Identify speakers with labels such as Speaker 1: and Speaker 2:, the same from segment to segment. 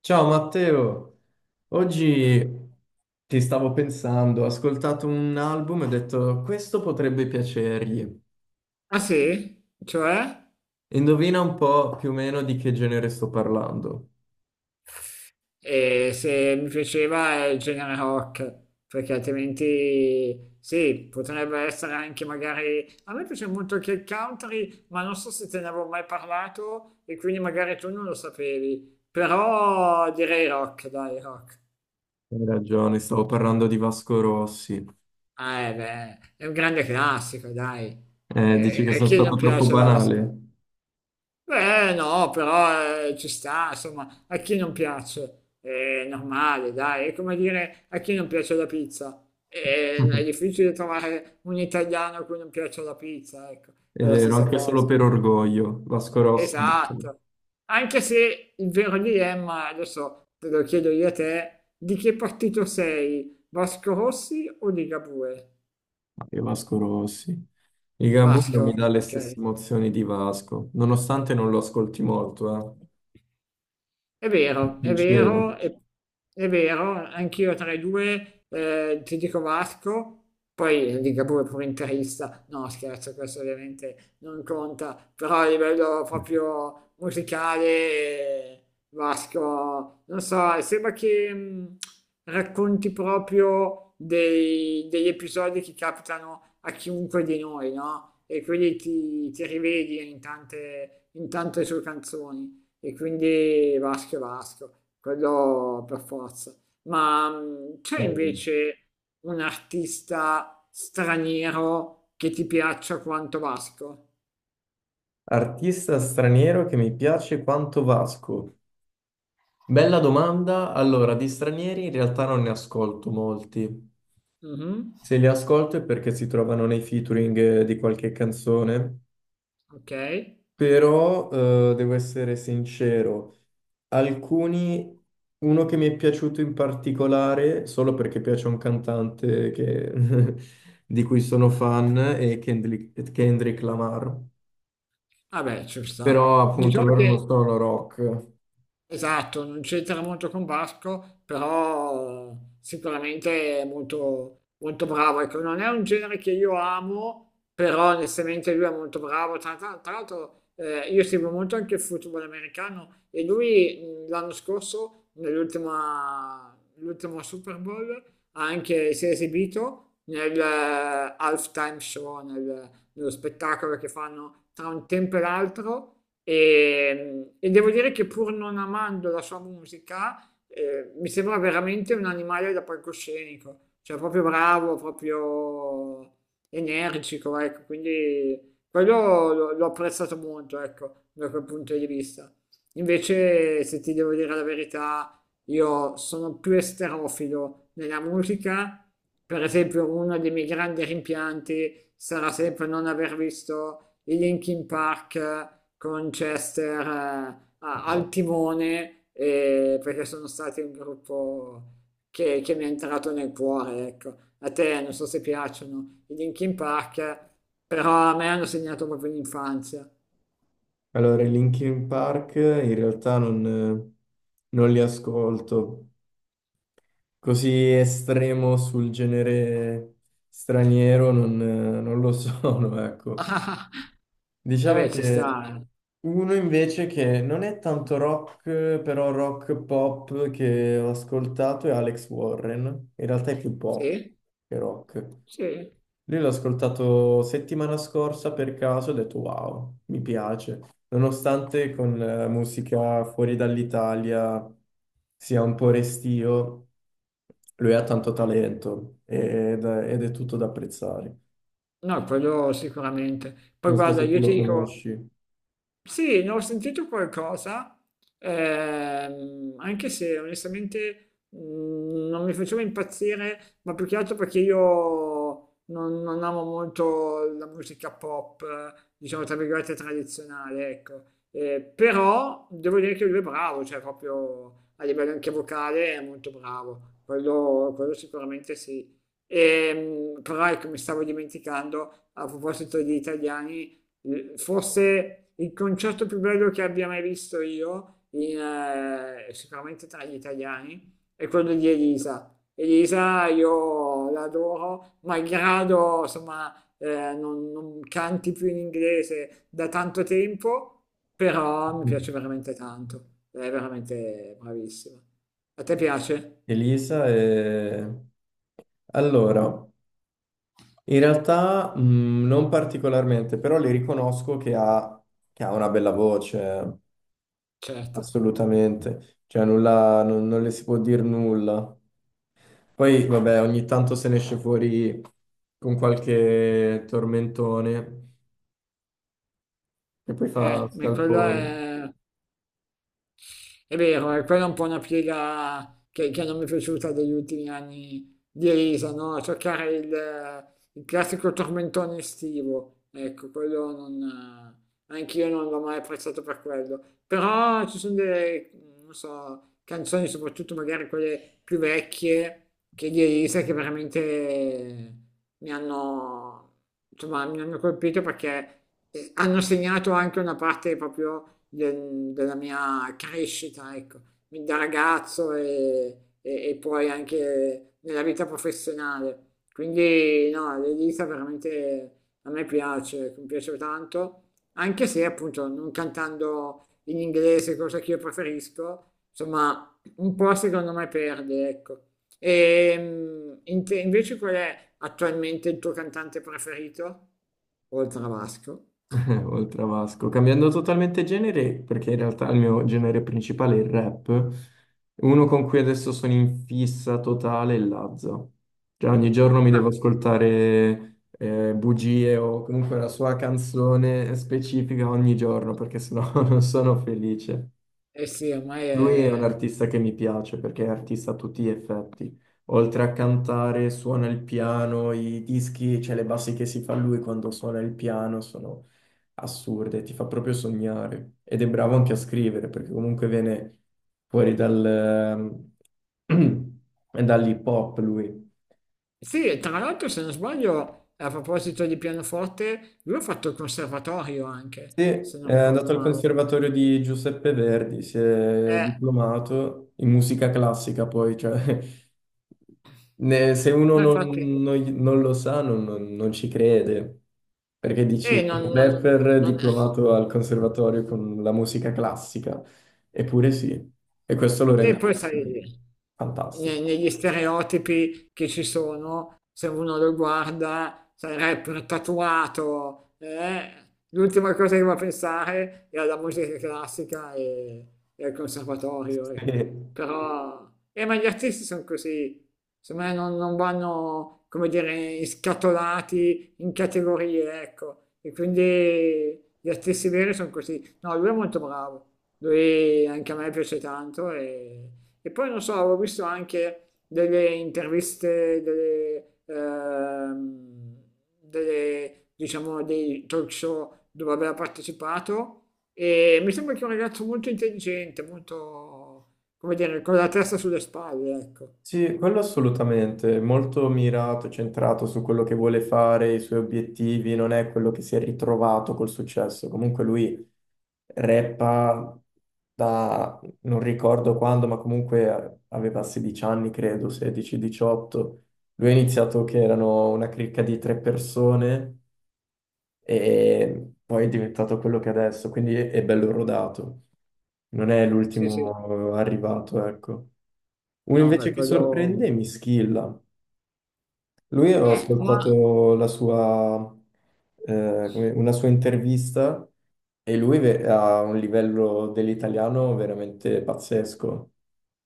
Speaker 1: Ciao Matteo, oggi ti stavo pensando, ho ascoltato un album e ho detto questo potrebbe piacergli.
Speaker 2: Ah sì? Cioè?
Speaker 1: Indovina un po' più o meno di che genere sto parlando.
Speaker 2: E se mi piaceva è il genere rock, perché altrimenti sì, potrebbe essere anche magari... A me piace molto anche il country, ma non so se te ne avevo mai parlato e quindi magari tu non lo sapevi. Però direi rock, dai, rock.
Speaker 1: Hai ragione, stavo parlando di Vasco Rossi.
Speaker 2: Ah, beh, è un grande classico, dai.
Speaker 1: Dici
Speaker 2: E,
Speaker 1: che
Speaker 2: e
Speaker 1: sono
Speaker 2: chi non
Speaker 1: stato troppo
Speaker 2: piace Vasco?
Speaker 1: banale?
Speaker 2: Beh, no, però ci sta, insomma, a chi non piace è normale, dai, è come dire a chi non piace la pizza. È difficile trovare un italiano a cui non piace la pizza, ecco,
Speaker 1: È
Speaker 2: è la
Speaker 1: vero,
Speaker 2: stessa
Speaker 1: anche solo
Speaker 2: cosa.
Speaker 1: per orgoglio. Vasco Rossi.
Speaker 2: Esatto. Anche se il vero dilemma, adesso te lo chiedo io a te, di che partito sei? Vasco Rossi o Ligabue?
Speaker 1: Ah, che Vasco Rossi. Il Gabugno mi
Speaker 2: Vasco,
Speaker 1: dà le
Speaker 2: ok.
Speaker 1: stesse emozioni di Vasco, nonostante non lo ascolti molto,
Speaker 2: È vero, è
Speaker 1: Sincero.
Speaker 2: vero, è vero, anch'io tra i due ti dico Vasco, poi Ligabue pure interista, no scherzo, questo ovviamente non conta, però a livello proprio musicale Vasco, non so, sembra che racconti proprio degli episodi che capitano a chiunque di noi, no? E quindi ti rivedi in tante sue canzoni e quindi Vasco è Vasco, quello per forza. Ma c'è
Speaker 1: Eh,
Speaker 2: invece un artista straniero che ti piaccia quanto Vasco?
Speaker 1: Artista straniero che mi piace quanto Vasco. Bella domanda. Allora, di stranieri in realtà non ne ascolto molti.
Speaker 2: Mhm.
Speaker 1: Se li ascolto è perché si trovano nei featuring di qualche canzone.
Speaker 2: Ok,
Speaker 1: Però, devo essere sincero, alcuni... Uno che mi è piaciuto in particolare, solo perché piace a di cui sono fan, è Kendrick Lamar.
Speaker 2: vabbè, ci sta.
Speaker 1: Però appunto
Speaker 2: Diciamo
Speaker 1: loro non
Speaker 2: che
Speaker 1: sono rock.
Speaker 2: esatto, non c'entra molto con Basco, però sicuramente è molto, molto bravo. Ecco, non è un genere che io amo, però onestamente lui è molto bravo. Tra l'altro, io seguo molto anche il football americano e lui l'anno scorso, nell'ultima l'ultimo Super Bowl, ha anche, si è esibito nel halftime show, nello spettacolo che fanno tra un tempo e l'altro e devo dire che pur non amando la sua musica, mi sembra veramente un animale da palcoscenico, cioè proprio bravo, proprio energico, ecco, quindi quello l'ho apprezzato molto, ecco, da quel punto di vista. Invece, se ti devo dire la verità, io sono più esterofilo nella musica. Per esempio, uno dei miei grandi rimpianti sarà sempre non aver visto i Linkin Park con Chester al timone perché sono stati un gruppo che mi è entrato nel cuore, ecco. A te non so se piacciono i Linkin Park, però a me hanno segnato proprio l'infanzia.
Speaker 1: Allora, i Linkin Park in realtà non li ascolto. Così estremo sul genere straniero non lo sono, ecco.
Speaker 2: E
Speaker 1: Diciamo
Speaker 2: beh, ci sta,
Speaker 1: che
Speaker 2: eh.
Speaker 1: uno invece che non è tanto rock, però rock pop che ho ascoltato è Alex Warren. In realtà è più pop
Speaker 2: Sì,
Speaker 1: che rock.
Speaker 2: sì,
Speaker 1: Lui l'ho ascoltato settimana scorsa per caso e ho detto wow, mi piace. Nonostante con musica fuori dall'Italia sia un po' restio, lui ha tanto talento ed è tutto da apprezzare.
Speaker 2: no, quello sicuramente. Poi
Speaker 1: Non so
Speaker 2: guarda,
Speaker 1: se tu
Speaker 2: io
Speaker 1: lo
Speaker 2: ti dico,
Speaker 1: conosci.
Speaker 2: sì, ne ho sentito qualcosa, anche se onestamente non mi faceva impazzire, ma più che altro perché io non amo molto la musica pop, diciamo tra virgolette tradizionale, ecco. Però devo dire che lui è bravo, cioè proprio a livello anche vocale è molto bravo, quello sicuramente sì. E però ecco, mi stavo dimenticando, a proposito di italiani, forse il concerto più bello che abbia mai visto io, sicuramente tra gli italiani, è quello di Elisa. Elisa io l'adoro, malgrado insomma non canti più in inglese da tanto tempo, però mi
Speaker 1: Mm.
Speaker 2: piace veramente tanto, è veramente bravissima. A te piace?
Speaker 1: Elisa. Allora, in realtà non particolarmente, però le riconosco che ha una bella voce.
Speaker 2: Certo.
Speaker 1: Assolutamente, cioè nulla, non le si può dire nulla. Poi, vabbè, ogni tanto se ne esce fuori con qualche tormentone e poi fa
Speaker 2: Ma quello
Speaker 1: scalpore.
Speaker 2: è... È vero, e quella è un po' una piega che non mi è piaciuta degli ultimi anni di Elisa, no? Cercare il classico tormentone estivo, ecco, quello non... Eh, anch'io non l'ho mai apprezzato per quello. Però ci sono delle, non so, canzoni, soprattutto magari quelle più vecchie, che di Elisa, che veramente mi hanno, insomma, mi hanno colpito perché hanno segnato anche una parte proprio della mia crescita, ecco, da ragazzo e poi anche nella vita professionale. Quindi no, l'Elisa veramente a me piace, mi piace tanto, anche se appunto non cantando in inglese, cosa che io preferisco, insomma, un po' secondo me perde, ecco. E invece qual è attualmente il tuo cantante preferito? Oltre a Vasco.
Speaker 1: Oltre a Vasco, cambiando totalmente genere, perché in realtà il mio genere principale è il rap, uno con cui adesso sono in fissa totale è Lazza. Cioè ogni giorno mi devo
Speaker 2: Ah,
Speaker 1: ascoltare bugie o comunque la sua canzone specifica ogni giorno, perché sennò non sono felice.
Speaker 2: eh sì, ormai
Speaker 1: Lui è un
Speaker 2: è...
Speaker 1: artista che mi piace perché è artista a tutti gli effetti. Oltre a cantare, suona il piano, i dischi, cioè le bassi che si fa lui quando suona il piano sono assurde, ti fa proprio sognare. Ed è bravo anche a scrivere perché comunque viene fuori dal, ehm, dall'hip hop lui.
Speaker 2: Sì, e tra l'altro se non sbaglio, a proposito di pianoforte, lui ha fatto il conservatorio
Speaker 1: Sì,
Speaker 2: anche, se non
Speaker 1: è
Speaker 2: ricordo
Speaker 1: andato al
Speaker 2: male.
Speaker 1: Conservatorio di Giuseppe Verdi, si è
Speaker 2: Eh,
Speaker 1: diplomato in musica classica, poi, cioè, se uno
Speaker 2: infatti,
Speaker 1: non lo sa, non ci crede, perché
Speaker 2: eh,
Speaker 1: dici,
Speaker 2: non,
Speaker 1: un
Speaker 2: non-
Speaker 1: rapper
Speaker 2: non-
Speaker 1: diplomato al Conservatorio con la musica classica, eppure sì, e questo lo
Speaker 2: E
Speaker 1: rende
Speaker 2: poi eh, sai,
Speaker 1: fantastico.
Speaker 2: negli stereotipi che ci sono, se uno lo guarda, sai, rapper tatuato, l'ultima cosa che va a pensare è alla musica classica e al conservatorio, ecco.
Speaker 1: Sì.
Speaker 2: Però, ma gli artisti sono così, secondo me non vanno, come dire, scatolati in categorie, ecco. E quindi gli artisti veri sono così. No, lui è molto bravo, lui anche a me piace tanto e poi non so, avevo visto anche delle interviste, delle, delle, diciamo, dei talk show dove aveva partecipato e mi sembra che è un ragazzo molto intelligente, molto, come dire, con la testa sulle spalle, ecco.
Speaker 1: Sì, quello assolutamente, molto mirato, centrato su quello che vuole fare, i suoi obiettivi, non è quello che si è ritrovato col successo. Comunque lui rappa da, non ricordo quando, ma comunque aveva 16 anni, credo, 16-18. Lui ha iniziato che erano una cricca di 3 persone e poi è diventato quello che è adesso, quindi è bello rodato, non è
Speaker 2: Sì, sì.
Speaker 1: l'ultimo arrivato, ecco. Uno
Speaker 2: No, per
Speaker 1: invece che sorprende
Speaker 2: quello...
Speaker 1: è Mischilla. Lui ho
Speaker 2: Ma...
Speaker 1: ascoltato la sua, come- una sua intervista e lui ha un livello dell'italiano veramente pazzesco.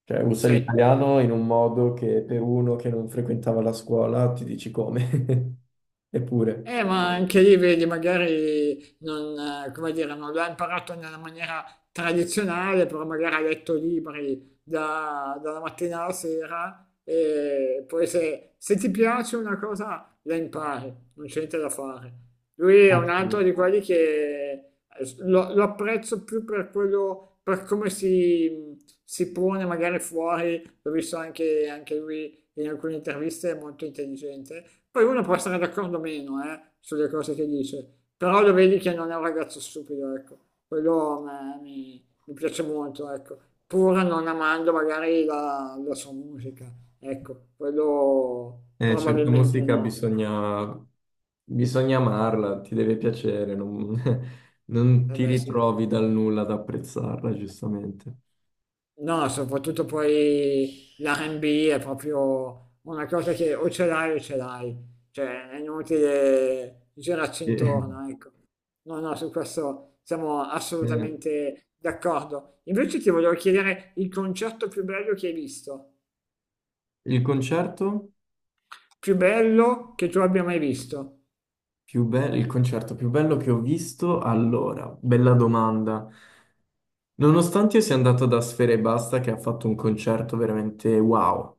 Speaker 1: Cioè, usa
Speaker 2: Sì.
Speaker 1: l'italiano in un modo che per uno che non frequentava la scuola ti dici come. Eppure,
Speaker 2: Ma anche lì vedi, magari non, come dire, non l'ha imparato nella maniera tradizionale, però magari ha letto libri dalla mattina alla sera e poi se, se ti piace una cosa la impari, non c'è niente da fare. Lui è un altro di quelli che lo apprezzo più per quello, per come si pone magari fuori, l'ho visto anche, anche lui in alcune interviste è molto intelligente. Poi uno può essere d'accordo o meno, sulle cose che dice, però lo vedi che non è un ragazzo stupido, ecco. Quello a me mi piace molto, ecco. Pur non amando magari la sua musica, ecco, quello
Speaker 1: certa
Speaker 2: probabilmente
Speaker 1: musica
Speaker 2: no.
Speaker 1: bisogna, bisogna amarla, ti deve piacere, non, non
Speaker 2: Eh
Speaker 1: ti
Speaker 2: beh, sì.
Speaker 1: ritrovi dal nulla ad apprezzarla, giustamente.
Speaker 2: No, soprattutto poi l'R&B è proprio una cosa che o ce l'hai, cioè è inutile girarci
Speaker 1: E-
Speaker 2: intorno, ecco. No, no, su questo siamo
Speaker 1: eh,
Speaker 2: assolutamente d'accordo. Invece ti volevo chiedere il concerto più bello che hai visto,
Speaker 1: Il concerto
Speaker 2: più bello che tu abbia mai visto.
Speaker 1: più bello, il concerto più bello che ho visto? Allora, bella domanda. Nonostante io sia andato da Sfera Basta che ha fatto un concerto veramente wow,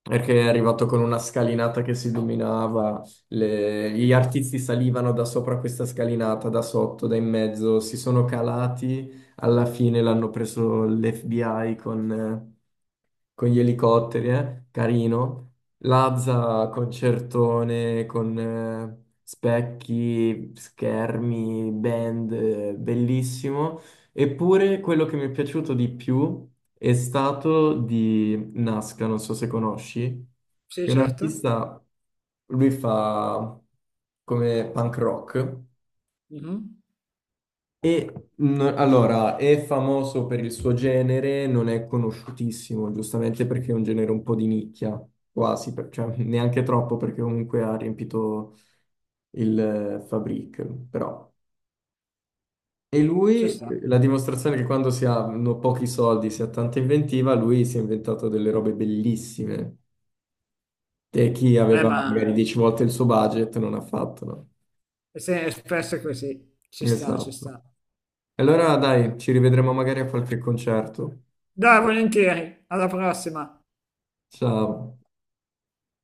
Speaker 1: perché è arrivato con una scalinata che si dominava, gli artisti salivano da sopra questa scalinata, da sotto, da in mezzo, si sono calati, alla fine l'hanno preso l'FBI con gli elicotteri, eh? Carino. Lazza, concertone, con specchi, schermi, band, bellissimo. Eppure quello che mi è piaciuto di più è stato di Nasca, non so se conosci,
Speaker 2: Sì,
Speaker 1: che è un
Speaker 2: certo.
Speaker 1: artista, lui fa come punk rock
Speaker 2: Mhm.
Speaker 1: e allora, è famoso per il suo genere, non è conosciutissimo, giustamente perché è un genere un po' di nicchia, quasi, cioè neanche troppo perché comunque ha riempito il Fabric, però. E
Speaker 2: Ci
Speaker 1: lui,
Speaker 2: sta.
Speaker 1: la dimostrazione che quando si hanno pochi soldi, si ha tanta inventiva, lui si è inventato delle robe bellissime che chi aveva
Speaker 2: Ma
Speaker 1: magari 10 volte il suo budget non ha fatto, no?
Speaker 2: è spesso così, ci sta, ci
Speaker 1: Esatto.
Speaker 2: sta.
Speaker 1: Allora dai, ci rivedremo magari a qualche concerto.
Speaker 2: Dai, volentieri, alla prossima.
Speaker 1: Ciao.